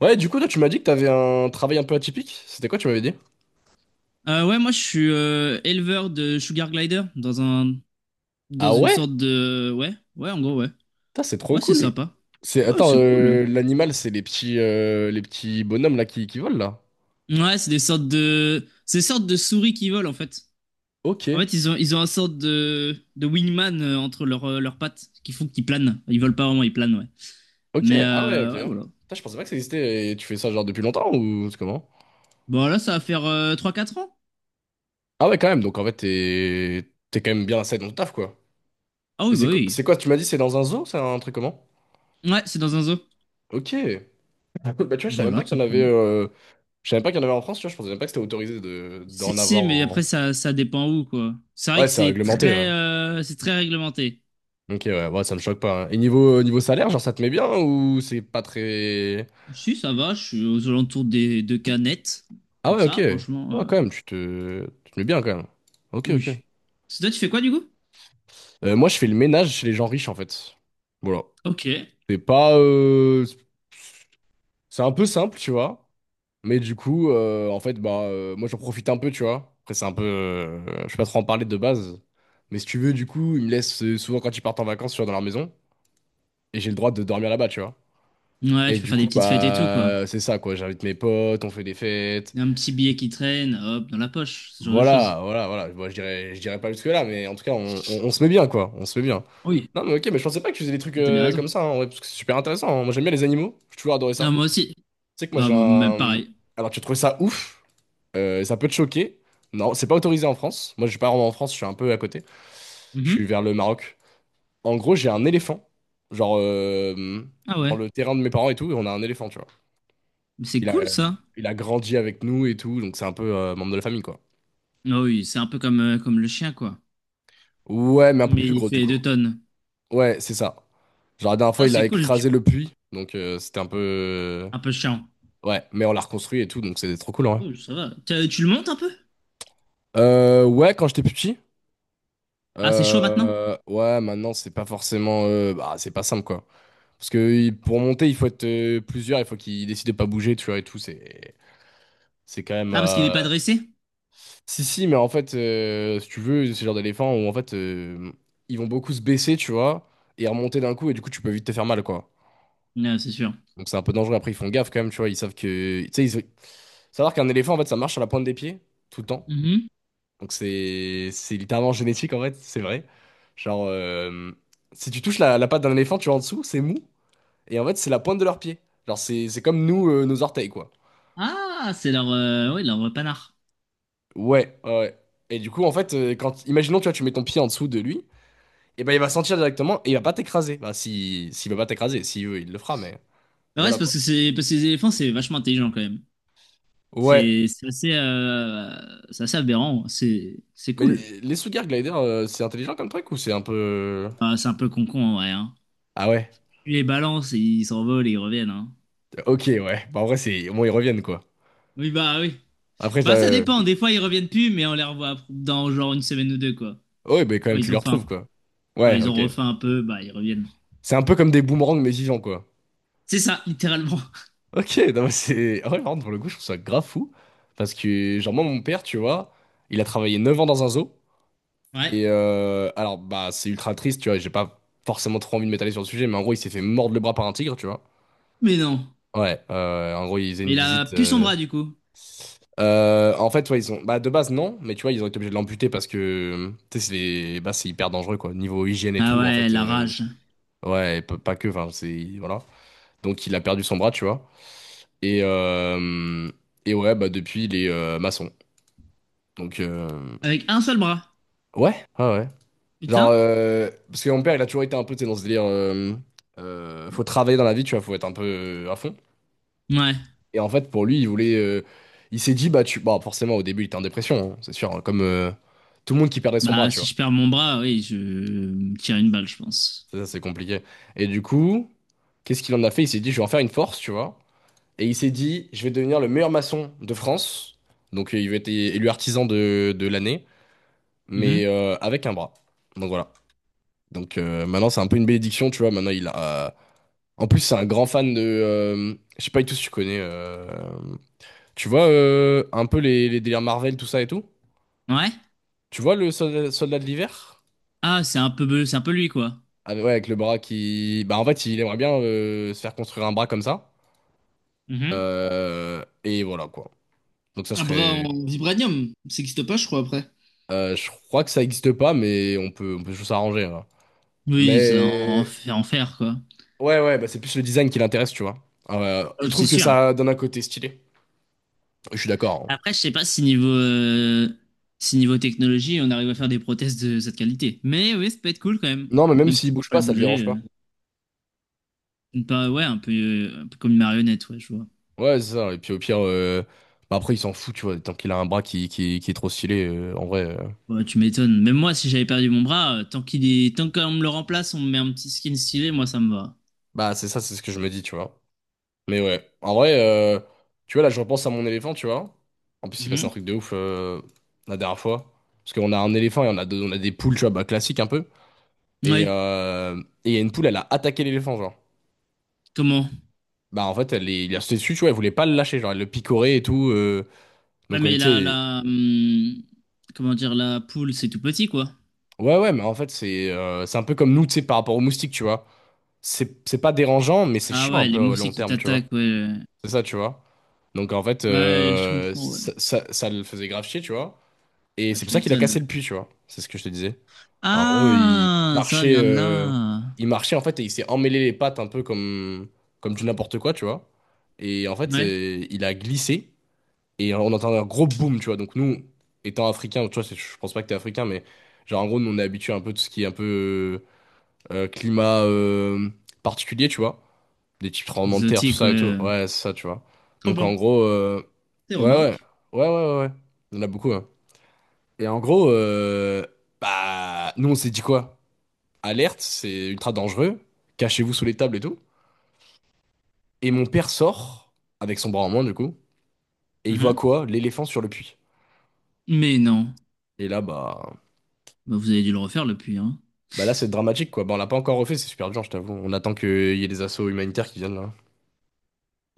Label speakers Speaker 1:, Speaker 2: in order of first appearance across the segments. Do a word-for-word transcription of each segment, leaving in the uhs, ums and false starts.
Speaker 1: Ouais, du coup, toi, tu m'as dit que t'avais un travail un peu atypique. C'était quoi, tu m'avais dit?
Speaker 2: Euh, ouais, moi je suis euh, éleveur de Sugar Glider dans un dans
Speaker 1: Ah
Speaker 2: une
Speaker 1: ouais?
Speaker 2: sorte de ouais, ouais, en gros ouais.
Speaker 1: Putain, c'est trop
Speaker 2: Ouais, c'est
Speaker 1: cool.
Speaker 2: sympa.
Speaker 1: C'est
Speaker 2: Ouais,
Speaker 1: attends,
Speaker 2: c'est
Speaker 1: euh,
Speaker 2: cool.
Speaker 1: l'animal, c'est les petits euh, les petits bonhommes là qui, qui volent là.
Speaker 2: Ouais, c'est des sortes de c'est des sortes de souris qui volent en fait.
Speaker 1: Ok,
Speaker 2: En fait, ils ont ils ont un sorte de de wingman euh, entre leurs euh, leurs pattes qui font qu'ils planent. Ils volent pas vraiment, ils planent, ouais.
Speaker 1: ok,
Speaker 2: Mais
Speaker 1: ah ouais, ok.
Speaker 2: euh, ouais, voilà.
Speaker 1: Putain, je pensais pas que ça existait. Et tu fais ça genre depuis longtemps ou c'est comment?
Speaker 2: Bon, là ça va faire euh, trois quatre ans.
Speaker 1: Ah ouais, quand même. Donc en fait, t'es t'es quand même bien assez dans ton taf quoi.
Speaker 2: Ah
Speaker 1: Et
Speaker 2: oui, bah
Speaker 1: c'est co-
Speaker 2: oui.
Speaker 1: c'est quoi? Tu m'as dit c'est dans un zoo, c'est un truc comment?
Speaker 2: Ouais, c'est dans un zoo.
Speaker 1: Ok. Ah, cool. Bah tu vois, je savais même
Speaker 2: Voilà,
Speaker 1: pas
Speaker 2: tout
Speaker 1: qu'il y en avait.
Speaker 2: simplement.
Speaker 1: euh, Je savais même pas qu'il y en avait en France. Tu vois, je pensais même pas que c'était autorisé de
Speaker 2: Si,
Speaker 1: d'en
Speaker 2: si,
Speaker 1: avoir
Speaker 2: mais après,
Speaker 1: en.
Speaker 2: ça, ça dépend où, quoi. C'est vrai
Speaker 1: Ouais,
Speaker 2: que
Speaker 1: c'est
Speaker 2: c'est
Speaker 1: réglementé. ouais.
Speaker 2: très, euh, c'est très réglementé.
Speaker 1: Ok, ouais, ouais, ça me choque pas. hein. Et niveau, niveau salaire, genre, ça te met bien ou c'est pas très.
Speaker 2: Si, ça va, je suis aux alentours des deux canettes.
Speaker 1: Ah
Speaker 2: Donc
Speaker 1: ouais, ok.
Speaker 2: ça, franchement,
Speaker 1: Ouais,
Speaker 2: euh,
Speaker 1: quand même, tu te, tu te mets bien quand même. Ok, ok.
Speaker 2: oui. Parce que toi, tu fais quoi, du coup?
Speaker 1: Euh, moi, je fais le ménage chez les gens riches, en fait. Voilà.
Speaker 2: Ok.
Speaker 1: C'est pas. euh, C'est un peu simple, tu vois. Mais du coup, euh, en fait, bah, euh, moi, j'en profite un peu, tu vois. Après, c'est un peu. euh, Je sais pas trop en parler de base. Mais si tu veux, du coup, ils me laissent euh, souvent quand ils partent en vacances, tu vois, dans leur maison. Et j'ai le droit de dormir là-bas, tu vois.
Speaker 2: Ouais,
Speaker 1: Et
Speaker 2: tu peux
Speaker 1: du
Speaker 2: faire
Speaker 1: coup,
Speaker 2: des petites fêtes et tout, quoi.
Speaker 1: bah, c'est ça, quoi. J'invite mes potes, on fait des fêtes.
Speaker 2: Un petit billet qui traîne, hop, dans la poche, ce genre de
Speaker 1: Voilà,
Speaker 2: choses.
Speaker 1: voilà, voilà. Bon, je dirais, je dirais pas jusque-là, mais en tout cas, on, on- on se met bien, quoi. On se met bien.
Speaker 2: Oui.
Speaker 1: Non, mais ok, mais je pensais pas que tu faisais des trucs
Speaker 2: T'as bien
Speaker 1: euh,
Speaker 2: raison.
Speaker 1: comme ça, hein, en vrai, parce que c'est super intéressant. hein. Moi, j'aime bien les animaux. J'ai toujours adoré
Speaker 2: Ah
Speaker 1: ça.
Speaker 2: moi aussi.
Speaker 1: Tu sais que moi,
Speaker 2: Bah,
Speaker 1: j'ai
Speaker 2: même
Speaker 1: un.
Speaker 2: pareil.
Speaker 1: Alors, tu trouves ça ouf, euh, ça peut te choquer. Non, c'est pas autorisé en France. Moi, je suis pas vraiment en France, je suis un peu à côté. Je suis
Speaker 2: Mhm.
Speaker 1: vers le Maroc. En gros, j'ai un éléphant. Genre, euh,
Speaker 2: Ah
Speaker 1: dans
Speaker 2: ouais.
Speaker 1: le terrain de mes parents et tout, on a un éléphant, tu vois.
Speaker 2: Mais c'est
Speaker 1: Il a,
Speaker 2: cool, ça.
Speaker 1: il a grandi avec nous et tout, donc c'est un peu euh, membre de la famille, quoi.
Speaker 2: Ah oui, c'est un peu comme, euh, comme le chien, quoi.
Speaker 1: Ouais, mais un peu
Speaker 2: Mais
Speaker 1: plus
Speaker 2: il
Speaker 1: gros, du
Speaker 2: fait
Speaker 1: coup.
Speaker 2: deux tonnes.
Speaker 1: Ouais, c'est ça. Genre, la dernière fois,
Speaker 2: Ça,
Speaker 1: il a
Speaker 2: c'est cool, tu...
Speaker 1: écrasé le puits. Donc, euh, c'était un peu. euh,
Speaker 2: un peu chiant.
Speaker 1: Ouais, mais on l'a reconstruit et tout. Donc, c'était trop cool, ouais.
Speaker 2: Oh, ça va. T'as- Tu le montes un peu?
Speaker 1: Euh, ouais, quand j'étais plus petit.
Speaker 2: Ah, c'est chaud maintenant?
Speaker 1: Euh, ouais, maintenant, c'est pas forcément. euh, bah, c'est pas simple, quoi. Parce que il- pour monter, il faut être euh, plusieurs. Il faut qu'ils décident de pas bouger, tu vois, et tout. C'est. C'est quand même.
Speaker 2: Ah, parce qu'il n'est
Speaker 1: euh,
Speaker 2: pas dressé?
Speaker 1: Si, si, mais en fait, euh, si tu veux, c'est le genre d'éléphant où, en fait, euh, ils vont beaucoup se baisser, tu vois, et remonter d'un coup. Et du coup, tu peux vite te faire mal, quoi.
Speaker 2: Non, c'est sûr.
Speaker 1: Donc c'est un peu dangereux. Après, ils font gaffe quand même, tu vois. Ils savent que. Tu sais, ils. Savoir qu'un éléphant, en fait, ça marche sur la pointe des pieds, tout le temps.
Speaker 2: Mhm.
Speaker 1: Donc c'est c'est littéralement génétique, en fait, c'est vrai. Genre, euh, si tu touches la, la patte d'un éléphant, tu vois en dessous, c'est mou. Et en fait, c'est la pointe de leurs pieds. Genre, c'est c'est comme nous, euh, nos orteils, quoi.
Speaker 2: Ah, c'est leur, euh, ouais, leur panard.
Speaker 1: Ouais, ouais. ouais. Et du coup, en fait, euh, quand, imaginons, tu vois, tu mets ton pied en dessous de lui, et ben il va sentir directement et il va pas t'écraser. Bah, si, s'il va pas t'écraser, s'il veut, il le fera, mais, mais
Speaker 2: Bah ouais, c'est
Speaker 1: voilà,
Speaker 2: parce
Speaker 1: quoi.
Speaker 2: que c'est parce que les éléphants, c'est vachement intelligent quand même.
Speaker 1: Ouais.
Speaker 2: C'est c'est assez, euh, c'est assez aberrant. C'est c'est
Speaker 1: Mais
Speaker 2: cool.
Speaker 1: les, les Sugar Glider, euh, c'est intelligent comme truc ou c'est un peu.
Speaker 2: Bah, c'est un peu con-con en vrai, hein.
Speaker 1: Ah ouais,
Speaker 2: Tu les balances, et ils s'envolent et ils reviennent, hein.
Speaker 1: ok, ouais. Bah, en vrai, c'est au moins ils reviennent, quoi.
Speaker 2: Oui, bah oui.
Speaker 1: Après,
Speaker 2: Bah ça
Speaker 1: j'a-
Speaker 2: dépend. Des fois, ils reviennent plus, mais on les revoit dans genre une semaine ou deux, quoi.
Speaker 1: ouais, mais quand
Speaker 2: Quand
Speaker 1: même, tu
Speaker 2: ils
Speaker 1: les
Speaker 2: ont faim.
Speaker 1: retrouves, quoi.
Speaker 2: Quand
Speaker 1: Ouais,
Speaker 2: ils ont
Speaker 1: ok.
Speaker 2: refaim un peu, bah ils reviennent.
Speaker 1: C'est un peu comme des boomerangs, mais vivants, quoi.
Speaker 2: C'est ça, littéralement.
Speaker 1: Ok, non, mais c'est. Ah Ouais, par contre, pour le coup, je trouve ça grave fou. Parce que, genre, moi, mon père, tu vois, il a travaillé neuf ans dans un zoo.
Speaker 2: Ouais.
Speaker 1: Et euh, alors, bah, c'est ultra triste, tu vois, et j'ai pas forcément trop envie de m'étaler sur le sujet, mais en gros, il s'est fait mordre le bras par un tigre, tu vois.
Speaker 2: Mais non.
Speaker 1: Ouais, euh, en gros, ils faisaient
Speaker 2: Mais
Speaker 1: une
Speaker 2: il a
Speaker 1: visite.
Speaker 2: plus son
Speaker 1: euh,
Speaker 2: bras du coup.
Speaker 1: euh, en fait, ouais, ils ont. Bah, de base, non, mais tu vois, ils ont été obligés de l'amputer parce que. Tu sais, c'est les- bah, c'est hyper dangereux, quoi. Niveau hygiène et
Speaker 2: Ah
Speaker 1: tout, en
Speaker 2: ouais,
Speaker 1: fait,
Speaker 2: la
Speaker 1: euh,
Speaker 2: rage.
Speaker 1: Ouais, et p- pas que, enfin, c'est. Voilà. Donc, il a perdu son bras, tu vois. Et, euh, et ouais, bah, depuis, il est euh, maçon. Donc, euh,
Speaker 2: Avec un seul bras.
Speaker 1: ouais, ouais, ouais. Genre,
Speaker 2: Putain.
Speaker 1: euh, parce que mon père, il a toujours été un peu, tu sais, dans ce délire. euh, euh, faut travailler dans la vie, tu vois, faut être un peu euh, à fond.
Speaker 2: Ouais.
Speaker 1: Et en fait, pour lui, il voulait. euh, il s'est dit, bah, tu. Bon, forcément, au début, il était en dépression, hein, c'est sûr, hein, comme euh, tout le monde qui perdait son bras,
Speaker 2: Bah
Speaker 1: tu
Speaker 2: si
Speaker 1: vois.
Speaker 2: je perds mon bras, oui, je me tire une balle, je pense.
Speaker 1: Ça, ça, c'est compliqué. Et du coup, qu'est-ce qu'il en a fait? Il s'est dit, je vais en faire une force, tu vois. Et il s'est dit, je vais devenir le meilleur maçon de France. Donc euh, il va être é- élu artisan de, de l'année,
Speaker 2: Mhm.
Speaker 1: mais euh, avec un bras. Donc voilà. Donc euh, maintenant c'est un peu une bénédiction, tu vois. Maintenant il a. En plus c'est un grand fan de. euh, je sais pas du tout si tu connais. euh, Tu vois euh, un peu les, les délires Marvel, tout ça et tout?
Speaker 2: Ouais.
Speaker 1: Tu vois le soldat, soldat de l'hiver?
Speaker 2: Ah, c'est un peu, c'est un peu lui quoi.
Speaker 1: Ah, ouais, avec le bras qui. Bah en fait il aimerait bien euh, se faire construire un bras comme ça.
Speaker 2: Mhm.
Speaker 1: Euh, Et voilà quoi. Donc ça
Speaker 2: Un bras
Speaker 1: serait.
Speaker 2: en vibranium, ça n'existe pas, je crois, après.
Speaker 1: Euh, je crois que ça existe pas, mais on peut, on peut toujours s'arranger. hein.
Speaker 2: Oui, ça en, en
Speaker 1: Mais
Speaker 2: fait- en faire quoi.
Speaker 1: ouais, ouais, bah c'est plus le design qui l'intéresse, tu vois. Euh, il
Speaker 2: Euh, C'est
Speaker 1: trouve que
Speaker 2: sûr.
Speaker 1: ça donne un côté stylé. Je suis d'accord. hein.
Speaker 2: Après, je sais pas si niveau, euh, si niveau technologie, on arrive à faire des prothèses de cette qualité. Mais oui, ça peut être cool quand même.
Speaker 1: Non, mais même
Speaker 2: Même si
Speaker 1: s'il
Speaker 2: tu peux
Speaker 1: bouge
Speaker 2: pas
Speaker 1: pas,
Speaker 2: le
Speaker 1: ça le
Speaker 2: bouger.
Speaker 1: dérange pas.
Speaker 2: euh. Une pa- ouais, un peu, euh, un peu comme une marionnette, ouais, je vois.
Speaker 1: Ouais, c'est ça. Et puis au pire, euh, bah après, il s'en fout, tu vois. Tant qu'il a un bras qui, qui, qui est trop stylé, euh, en vrai. euh,
Speaker 2: Ouais, tu m'étonnes. Même moi, si j'avais perdu mon bras, euh, tant qu'il est... tant qu'on me le remplace, on me met un petit skin stylé, moi, ça me va.
Speaker 1: Bah, c'est ça, c'est ce que je me dis, tu vois. Mais ouais, en vrai, euh, tu vois, là, je repense à mon éléphant, tu vois. En plus, il passe un
Speaker 2: Mhm.
Speaker 1: truc de ouf euh, la dernière fois. Parce qu'on a un éléphant et on a, deux- on a des poules, tu vois, bah, classiques un peu. Et,
Speaker 2: Oui,
Speaker 1: euh, et il y a une poule elle a attaqué l'éléphant, genre.
Speaker 2: comment?
Speaker 1: Bah, en fait, elle est, il a sauté dessus, tu vois, elle voulait pas le lâcher, genre, elle le picorait et tout. euh,
Speaker 2: Bah,
Speaker 1: donc,
Speaker 2: mais
Speaker 1: elle, tu
Speaker 2: la,
Speaker 1: sais.
Speaker 2: la, hum, comment dire, la poule, c'est tout petit, quoi.
Speaker 1: Ouais, ouais, mais en fait, c'est euh, c'est un peu comme nous, tu sais, par rapport aux moustiques, tu vois. C'est c'est pas dérangeant, mais c'est
Speaker 2: Ah
Speaker 1: chiant un
Speaker 2: ouais,
Speaker 1: peu
Speaker 2: les
Speaker 1: au
Speaker 2: mousses
Speaker 1: long
Speaker 2: qui
Speaker 1: terme, tu vois.
Speaker 2: t'attaquent, ouais.
Speaker 1: C'est ça, tu vois. Donc, en fait,
Speaker 2: Ouais, je
Speaker 1: euh,
Speaker 2: comprends, ouais.
Speaker 1: ça, ça, ça le faisait grave chier, tu vois. Et
Speaker 2: Bah,
Speaker 1: c'est pour
Speaker 2: tu
Speaker 1: ça qu'il a cassé
Speaker 2: m'étonnes.
Speaker 1: le puits, tu vois. C'est ce que je te disais. En gros, il
Speaker 2: Ah, ça
Speaker 1: marchait,
Speaker 2: vient de
Speaker 1: euh,
Speaker 2: là.
Speaker 1: il marchait en fait et il s'est emmêlé les pattes un peu comme, comme du n'importe quoi, tu vois. Et en fait,
Speaker 2: Ouais.
Speaker 1: euh, il a glissé et on entend un gros boom, tu vois. Donc nous, étant africains, tu vois, c'est- je pense pas que t'es africain, mais genre en gros, nous on est habitué un peu de tout ce qui est un peu euh, euh, climat euh, particulier, tu vois. Des types tremblements de terre, tout
Speaker 2: Exotique,
Speaker 1: ça et tout.
Speaker 2: ouais.
Speaker 1: Ouais, c'est ça, tu vois.
Speaker 2: Trop
Speaker 1: Donc
Speaker 2: bien.
Speaker 1: en gros, euh,
Speaker 2: T'es
Speaker 1: ouais,
Speaker 2: au
Speaker 1: ouais,
Speaker 2: Maroc?
Speaker 1: ouais, ouais, ouais, ouais. Il y en a beaucoup, hein. Et en gros, euh, bah, nous on s'est dit quoi? alerte, c'est ultra dangereux, cachez-vous sous les tables et tout. Et mon père sort, avec son bras en moins du coup, et il voit
Speaker 2: Mhm.
Speaker 1: quoi? L'éléphant sur le puits.
Speaker 2: Mais non.
Speaker 1: Et là, bah,
Speaker 2: Bah, vous avez dû le refaire, depuis hein.
Speaker 1: bah là, c'est dramatique quoi. Bah, on l'a pas encore refait, c'est super dur, je t'avoue. On attend qu'il y ait des assauts humanitaires qui viennent là.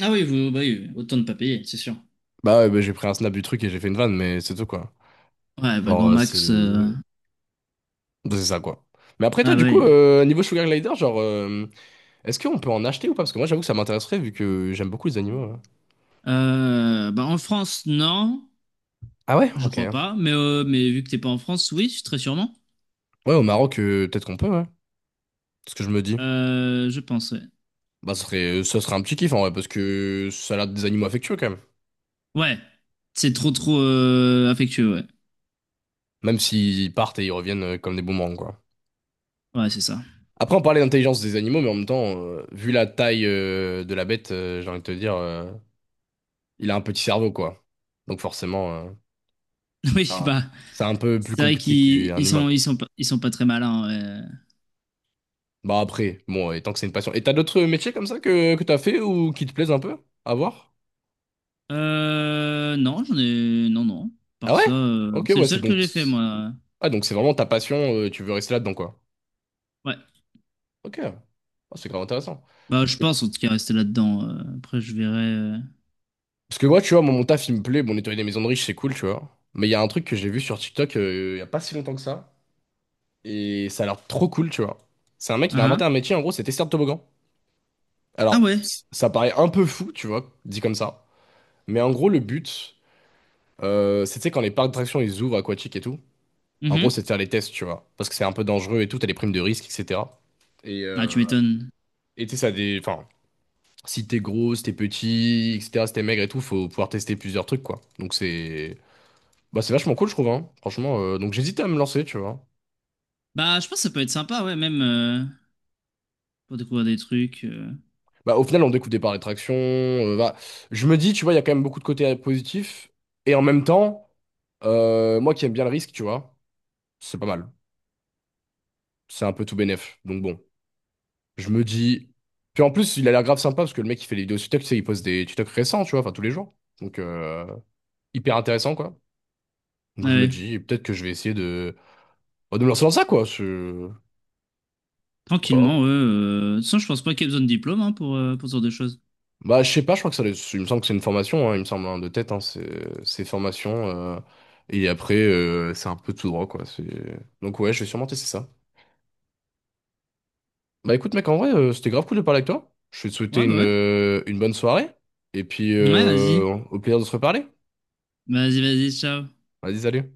Speaker 2: Ah oui, vous, bah oui, autant ne pas payer, c'est sûr.
Speaker 1: Bah ouais, bah, j'ai pris un snap du truc et j'ai fait une vanne, mais c'est tout quoi.
Speaker 2: Ouais, bah,
Speaker 1: Genre,
Speaker 2: Grand
Speaker 1: euh, c'est.
Speaker 2: Max. euh,
Speaker 1: Bah, c'est ça quoi. Mais après, toi,
Speaker 2: Ah bah
Speaker 1: du coup,
Speaker 2: oui.
Speaker 1: euh, niveau Sugar Glider, genre, euh, est-ce qu'on peut en acheter ou pas? Parce que moi, j'avoue que ça m'intéresserait vu que j'aime beaucoup les animaux, ouais.
Speaker 2: Euh, bah en France, non,
Speaker 1: Ah ouais?
Speaker 2: je
Speaker 1: Ok.
Speaker 2: crois pas. Mais, euh, mais vu que t'es pas en France, oui, très sûrement.
Speaker 1: Ouais, au Maroc, euh, peut-être qu'on peut, ouais. C'est ce que je me dis.
Speaker 2: Euh, je pense, ouais.
Speaker 1: Bah, ça serait, ça serait un petit kiff en vrai, parce que ça a l'air des animaux affectueux quand même.
Speaker 2: Ouais, c'est trop trop euh, affectueux, ouais.
Speaker 1: Même s'ils partent et ils reviennent euh, comme des boomerangs, quoi.
Speaker 2: Ouais, c'est ça.
Speaker 1: Après, on parlait d'intelligence des animaux, mais en même temps, euh, vu la taille euh, de la bête, euh, j'ai envie de te dire, euh, il a un petit cerveau, quoi. Donc forcément, euh.
Speaker 2: Oui,
Speaker 1: Ah,
Speaker 2: bah,
Speaker 1: c'est un peu plus
Speaker 2: c'est vrai
Speaker 1: compliqué
Speaker 2: qu'ils
Speaker 1: qu'un
Speaker 2: ils
Speaker 1: humain,
Speaker 2: sont, ils
Speaker 1: quoi.
Speaker 2: sont pas, ils sont pas très malins, ouais.
Speaker 1: Bah après, bon, et tant que c'est une passion. Et t'as d'autres métiers comme ça que, que t'as fait ou qui te plaisent un peu à voir?
Speaker 2: Euh, non, j'en ai... Non, non.
Speaker 1: Ah
Speaker 2: Par ça,
Speaker 1: ouais?
Speaker 2: euh,
Speaker 1: Ok,
Speaker 2: c'est le
Speaker 1: ouais, c'est
Speaker 2: seul que
Speaker 1: donc...
Speaker 2: j'ai fait, moi.
Speaker 1: Ah, donc c'est vraiment ta passion, euh, tu veux rester là-dedans, quoi.
Speaker 2: Ouais.
Speaker 1: Ok. Ah, c'est grave intéressant.
Speaker 2: Bah, je pense, en tout cas, rester là-dedans. euh, Après, je verrai... euh.
Speaker 1: Parce que moi, tu vois, moi, mon taf, il me plaît. Bon, nettoyer des maisons de riches, c'est cool, tu vois. Mais il y a un truc que j'ai vu sur TikTok euh, il y a pas si longtemps que ça. Et ça a l'air trop cool, tu vois. C'est un mec, il a
Speaker 2: Ah, ah.
Speaker 1: inventé un métier, en gros, c'est testeur de toboggan.
Speaker 2: Ah
Speaker 1: Alors,
Speaker 2: ouais.
Speaker 1: c- ça paraît un peu fou, tu vois, dit comme ça. Mais en gros, le but, euh, c'est, tu sais, quand les parcs d'attractions, ils ouvrent aquatiques et tout. En gros, c'est
Speaker 2: Mhm.
Speaker 1: de faire les tests, tu vois. Parce que c'est un peu dangereux et tout, t'as les primes de risque, et cætera. Et
Speaker 2: Ah, tu
Speaker 1: euh,
Speaker 2: m'étonnes.
Speaker 1: et tu sais, ça des. Enfin, si t'es gros, si t'es petit, et cætera, si t'es maigre et tout, faut pouvoir tester plusieurs trucs, quoi. Donc, c'est. Bah, c'est vachement cool, je trouve, hein. Franchement, euh, donc j'hésitais à me lancer, tu vois.
Speaker 2: Bah, je pense que ça peut être sympa, ouais, même euh, pour découvrir des trucs. euh,
Speaker 1: Bah, au final, on découvre des par d'attraction. euh, bah, je me dis, tu vois, il y a quand même beaucoup de côtés euh, positifs. Et en même temps, euh, moi qui aime bien le risque, tu vois, c'est pas mal. C'est un peu tout bénef. Donc bon, je me dis. Puis en plus, il a l'air grave sympa parce que le mec, il fait les vidéos sur TikTok, tu sais, il poste des TikTok récents, tu vois, enfin tous les jours. Donc, euh, hyper intéressant, quoi. Donc je me
Speaker 2: ouais,
Speaker 1: dis, peut-être que je vais essayer de, bah, de me lancer dans ça, quoi. Je...
Speaker 2: tranquillement, ouais. euh, De toute façon, je pense pas qu'il y ait besoin de diplôme hein, pour, euh, pour ce genre de choses.
Speaker 1: Bah, je sais pas, je crois que ça, doit être- il me semble que c'est une formation, hein, il me semble, hein, de tête, hein, c'est c'est formation, euh, et après, euh, c'est un peu tout droit, quoi. c'est- Donc, ouais, je vais sûrement tester ça. Bah, écoute, mec, en vrai, euh, c'était grave cool de parler avec toi. Je vais te souhaiter
Speaker 2: Ouais, bah
Speaker 1: une,
Speaker 2: ouais.
Speaker 1: euh, une bonne soirée, et puis,
Speaker 2: Ouais,
Speaker 1: euh,
Speaker 2: vas-y.
Speaker 1: au plaisir de se reparler.
Speaker 2: Vas-y, vas-y, ciao.
Speaker 1: Vas-y, salut.